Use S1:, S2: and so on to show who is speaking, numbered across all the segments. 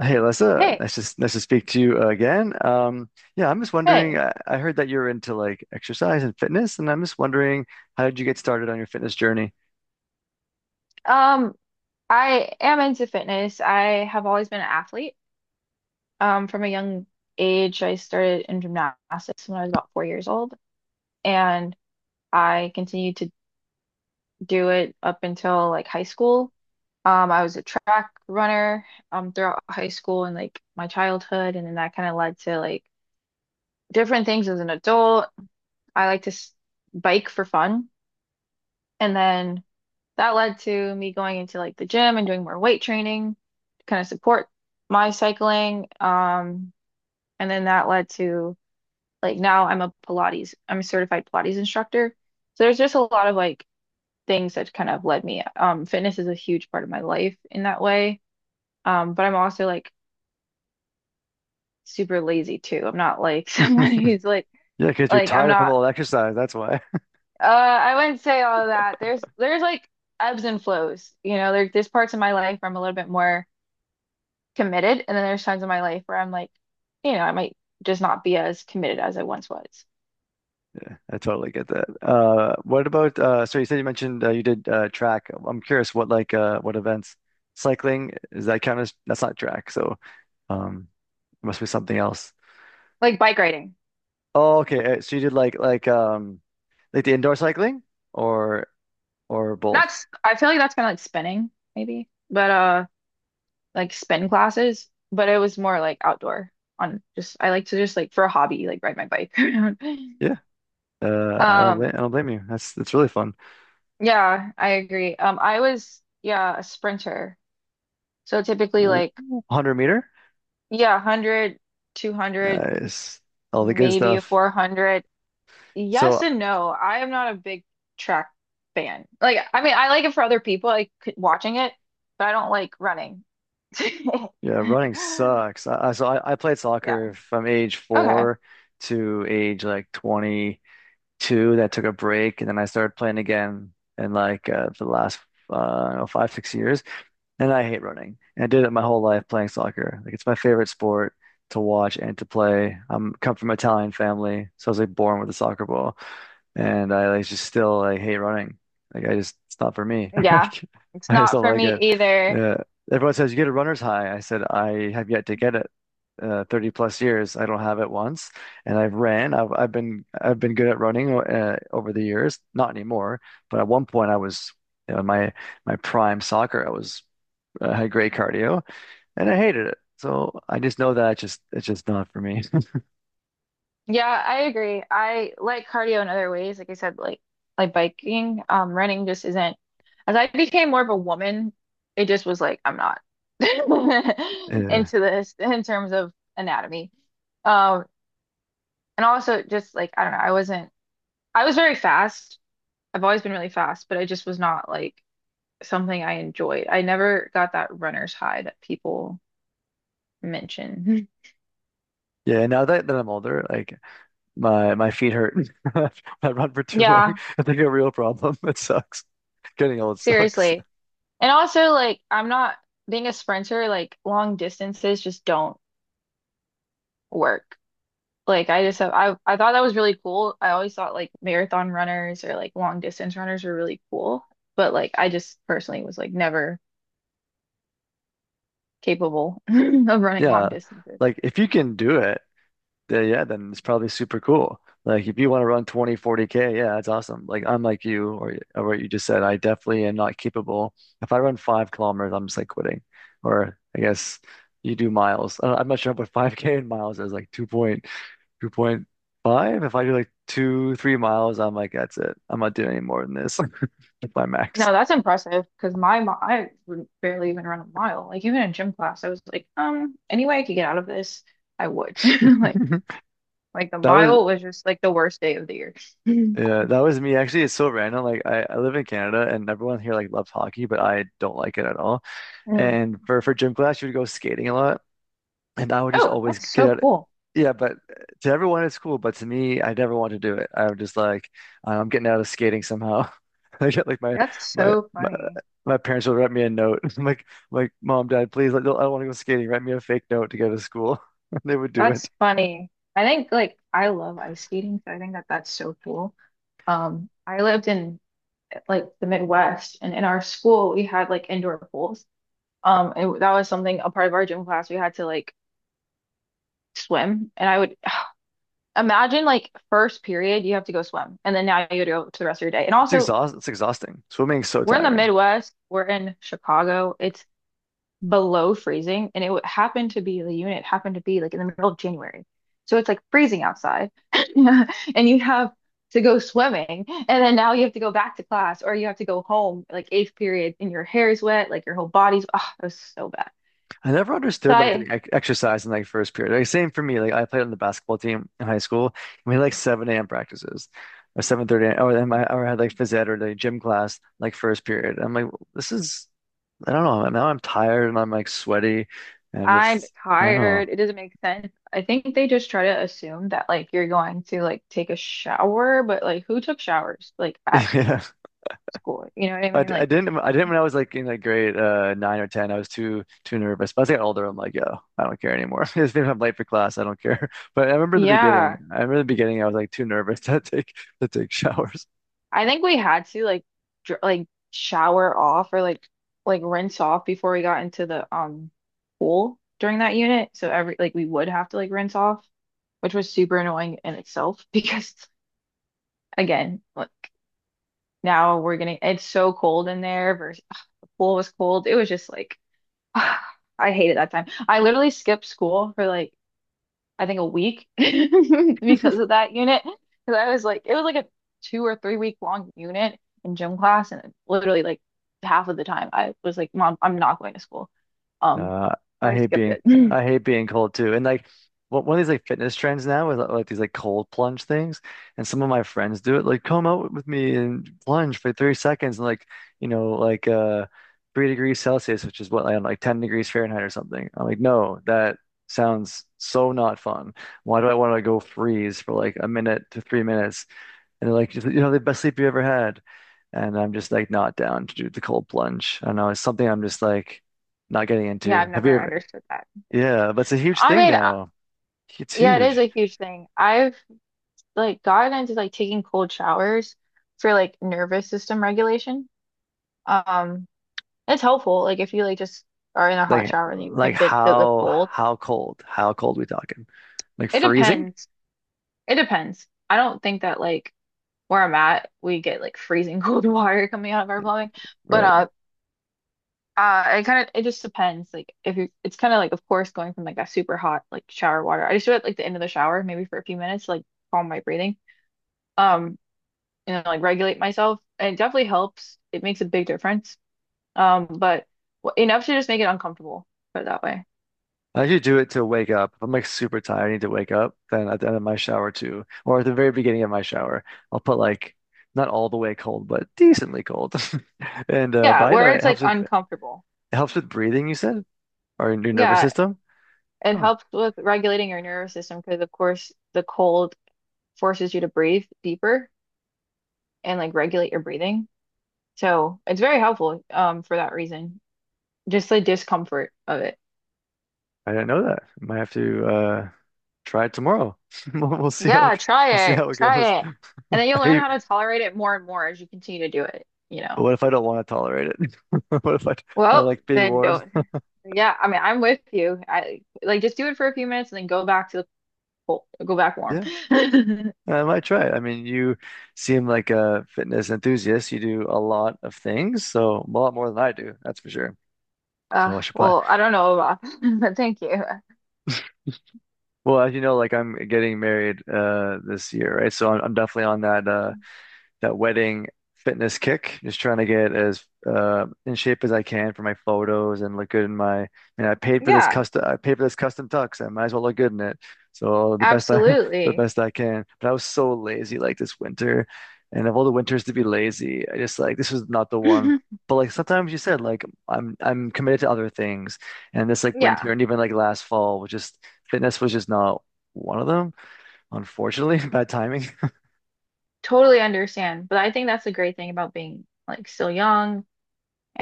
S1: Hey, Alyssa,
S2: Hey,
S1: nice to speak to you again. Yeah, I'm just wondering.
S2: hey.
S1: I heard that you're into like exercise and fitness, and I'm just wondering how did you get started on your fitness journey?
S2: Um, I am into fitness. I have always been an athlete. From a young age, I started in gymnastics when I was about 4 years old, and I continued to do it up until like high school. I was a track runner throughout high school and like my childhood, and then that kind of led to like different things as an adult. I like to s bike for fun, and then that led to me going into like the gym and doing more weight training to kind of support my cycling. And then that led to like now I'm a certified Pilates instructor. So there's just a lot of like things that kind of led me. Fitness is a huge part of my life in that way. But I'm also like super lazy too. I'm not like someone who's like
S1: Yeah, because you're
S2: like I'm
S1: tired from
S2: not,
S1: all the exercise. That's why.
S2: I wouldn't say all of that. There's like ebbs and flows, you know, there's parts of my life where I'm a little bit more committed. And then there's times in my life where I'm like, you know, I might just not be as committed as I once was.
S1: I totally get that. What about? So you said you mentioned you did track. I'm curious what events? Cycling is that kind of that's not track. So um, it must be something else.
S2: Like bike riding.
S1: Oh, okay. So you did like like the indoor cycling or or both?
S2: That's I feel like that's kind of like spinning, maybe, but like spin classes. But it was more like outdoor on just, I like to just like for a hobby, like ride my bike around.
S1: Yeah. Uh, I don't blame,
S2: Um,
S1: I don't blame you. That's really fun.
S2: yeah, I agree. I was, yeah, a sprinter. So typically
S1: Ooh,
S2: like,
S1: 100 meter,
S2: yeah, 100, 200,
S1: nice. All the good
S2: maybe a
S1: stuff.
S2: 400.
S1: So
S2: Yes and no. I am not a big track fan. Like, I mean, I like it for other people, like watching it, but I don't like running.
S1: yeah, running sucks. I played
S2: Yeah.
S1: soccer from age
S2: Okay.
S1: four to age like 22. That took a break, and then I started playing again in like the last I don't know, 5 6 years. And I hate running. And I did it my whole life playing soccer. Like it's my favorite sport to watch and to play. I'm come from an Italian family, so I was like born with a soccer ball. And I like just still like hate running. Like I just it's not for me.
S2: Yeah.
S1: Like
S2: It's
S1: I just
S2: not
S1: don't
S2: for
S1: like
S2: me
S1: it.
S2: either.
S1: Uh, Everyone says you get a runner's high. I said I have yet to get it. 30 plus years, I don't have it once, and I've ran. I've been good at running over the years. Not anymore, but at one point I was, you know, in my prime soccer. I was had great cardio, and I hated it. So I just know that it's just not for me.
S2: Yeah, I agree. I like cardio in other ways. Like I said, like biking, running just isn't. As I became more of a woman, it just was like I'm not
S1: Uh,
S2: into this in terms of anatomy. Um, and also just like I don't know, I wasn't. I was very fast. I've always been really fast, but I just was not like something I enjoyed. I never got that runner's high that people mention.
S1: yeah, now that I'm older, like my feet hurt. I run for too long.
S2: Yeah,
S1: It's like a real problem. It sucks. Getting old sucks.
S2: seriously. And also, like, I'm not being a sprinter, like, long distances just don't work. Like, I just have, I thought that was really cool. I always thought like marathon runners or like long distance runners were really cool. But like, I just personally was like never capable of running long
S1: Yeah.
S2: distances.
S1: Like if you can do it, then yeah, then it's probably super cool. Like if you want to run 20, 40 k, yeah, that's awesome. Like I'm like you or what you just said, I definitely am not capable. If I run 5 kilometers, I'm just like quitting. Or I guess you do miles. I'm not sure what 5K in miles is, like 2. 2.5. If I do like two, 3 miles, I'm like, that's it. I'm not doing any more than this. That's my max.
S2: No, that's impressive because I would barely even run a mile. Like even in gym class, I was like, any way I could get out of this, I would. Like like the
S1: That was
S2: mile was just like the worst day of the year.
S1: Yeah, that was me. Actually, it's so random. Like I live in Canada and everyone here like loves hockey, but I don't like it at all.
S2: Mm.
S1: And for gym class, you would go skating a lot. And I would just
S2: Oh,
S1: always
S2: that's
S1: get
S2: so
S1: out.
S2: cool.
S1: Yeah, but to everyone it's cool, but to me, I never want to do it. I would just like, I'm getting out of skating somehow. I get like
S2: That's
S1: my
S2: so
S1: my,
S2: funny.
S1: my parents will write me a note. I'm like mom, dad, please, I don't want to go skating. Write me a fake note to go to school. They would do it.
S2: That's funny. I think like I love ice skating, so I think that that's so cool. I lived in like the Midwest, and in our school we had like indoor pools. And that was something a part of our gym class we had to like swim, and I would imagine like first period, you have to go swim, and then now you have to go to the rest of your day. And also,
S1: It's exhausting. Swimming is so
S2: we're in the
S1: tiring.
S2: Midwest, we're in Chicago, it's below freezing, and it would happen to be the unit happened to be like in the middle of January. So it's like freezing outside, and you have to go swimming, and then now you have to go back to class or you have to go home like eighth period, and your hair is wet, like your whole body's, oh, it was so bad.
S1: I never
S2: So
S1: understood like the
S2: I
S1: ex exercise in like first period. Like same for me. Like I played on the basketball team in high school. We had like 7 a.m. practices or 7:30 a.m. or then I or I had like phys ed or the gym class like first period. I'm like, this is I don't know. Now I'm tired and I'm like sweaty and
S2: I'm
S1: just I don't know.
S2: tired. It doesn't make sense. I think they just try to assume that like you're going to like take a shower, but like who took showers like at
S1: Yeah.
S2: school? You know what I
S1: I,
S2: mean?
S1: d- I
S2: Like,
S1: didn't I didn't when I was like in like grade nine or ten. I was too nervous. But as I got older, I'm like, yo, I don't care anymore. If I'm late for class, I don't care. But I remember in the beginning,
S2: yeah,
S1: I remember in the beginning I was like too nervous to take showers.
S2: I think we had to like dr like shower off or like rinse off before we got into the pool during that unit. So every like we would have to like rinse off, which was super annoying in itself because again, like now we're getting it's so cold in there versus pool was cold. It was just like I hated that time. I literally skipped school for like I think a week because of that unit. Because I was like, it was like a 2 or 3 week long unit in gym class, and literally like half of the time I was like, Mom, I'm not going to school. Um,
S1: Uh, I
S2: so I
S1: hate
S2: skipped
S1: being
S2: it.
S1: I hate being cold too. And like one of these like fitness trends now is like these like cold plunge things. And some of my friends do it. Like come out with me and plunge for 30 seconds and like, you know, 3 degrees Celsius, which is what I don't know, like 10 degrees Fahrenheit or something. I'm like, no, that sounds so not fun. Why do I want to go freeze for like a minute to 3 minutes and they're like, you know, the best sleep you ever had. And I'm just like not down to do the cold plunge. I know. It's something I'm just like not getting
S2: Yeah, I've
S1: into. Have you
S2: never
S1: ever?
S2: understood that.
S1: Yeah, but it's a huge
S2: I
S1: thing
S2: mean,
S1: now. It's
S2: yeah, it is
S1: huge.
S2: a huge thing. I've like gotten into like taking cold showers for like nervous system regulation. Um, It's helpful. Like if you like just are in a hot
S1: Like,
S2: shower and you crank it to the cold.
S1: how cold? How cold we talking? Like
S2: It
S1: freezing?
S2: depends. It depends. I don't think that like where I'm at, we get like freezing cold water coming out of our plumbing. But
S1: Right.
S2: it kind of it just depends. Like if you it's kind of like of course going from like that super hot like shower water. I just do it like the end of the shower, maybe for a few minutes, to, like calm my breathing. Um, you know, like regulate myself. And it definitely helps. It makes a big difference. But enough to just make it uncomfortable, put it that way.
S1: I usually do it to wake up. If I'm like super tired, I need to wake up. Then at the end of my shower too, or at the very beginning of my shower, I'll put like not all the way cold, but decently cold. And but
S2: Yeah,
S1: I know
S2: where
S1: it
S2: it's like
S1: helps with it
S2: uncomfortable.
S1: helps with breathing. You said? Our new nervous
S2: Yeah,
S1: system?
S2: it
S1: Oh,
S2: helps with regulating your nervous system because, of course, the cold forces you to breathe deeper and like regulate your breathing. So it's very helpful for that reason. Just the discomfort of it.
S1: I didn't know that. Might have to try it tomorrow. We'll see
S2: Yeah,
S1: we'll
S2: try
S1: see
S2: it.
S1: how it goes.
S2: Try it. And then
S1: I
S2: you'll learn
S1: hate,
S2: how to tolerate it more and more as you continue to do it, you
S1: but
S2: know.
S1: what if I don't want to tolerate it? What if I I
S2: Well,
S1: like being
S2: then
S1: warm?
S2: don't. Yeah, I mean, I'm with you. I like just do it for a few minutes and then go back to the cold, go back warm.
S1: Yeah, I might try it. I mean, you seem like a fitness enthusiast. You do a lot of things, so a lot more than I do, that's for sure. So I should play.
S2: Well, I don't know about that, but thank you.
S1: Well, as you know, like I'm getting married this year, right? So I'm definitely on that that wedding fitness kick, just trying to get as in shape as I can for my photos and look good in my. I mean,
S2: Yeah,
S1: I paid for this custom tux. I might as well look good in it. So the best I, the
S2: absolutely.
S1: best I can. But I was so lazy like this winter, and of all the winters to be lazy, I just like this was not the one. But like sometimes you said, like I'm committed to other things, and this like winter
S2: Yeah,
S1: and even like last fall was just fitness was just not one of them, unfortunately. Bad timing.
S2: totally understand. But I think that's the great thing about being like still young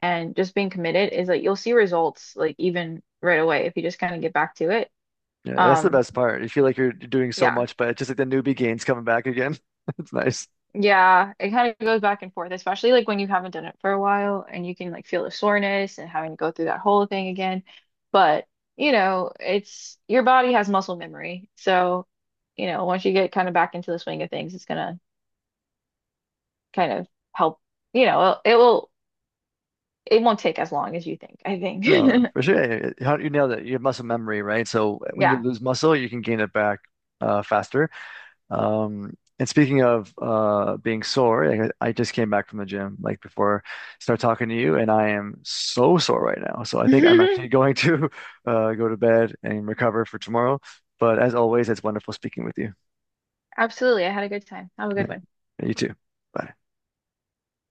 S2: and just being committed is like you'll see results like even right away if you just kind of get back to it.
S1: Yeah, that's the
S2: Um,
S1: best part. You feel like you're doing so
S2: yeah.
S1: much, but it's just like the newbie gains coming back again. It's nice.
S2: Yeah, it kind of goes back and forth, especially like when you haven't done it for a while and you can like feel the soreness and having to go through that whole thing again. But, you know, it's your body has muscle memory. So, you know, once you get kind of back into the swing of things, it's gonna kind of help, you know, it won't take as long as you think, I think.
S1: No, for sure. You nailed it. You have muscle memory, right? So when you
S2: Yeah.
S1: lose muscle, you can gain it back faster. And speaking of being sore, like, I just came back from the gym like before I start talking to you, and I am so sore right now. So I think I'm actually going to go to bed and recover for tomorrow. But as always, it's wonderful speaking with you.
S2: Absolutely. I had a good time. Have a
S1: Yeah,
S2: good one.
S1: you too. Bye.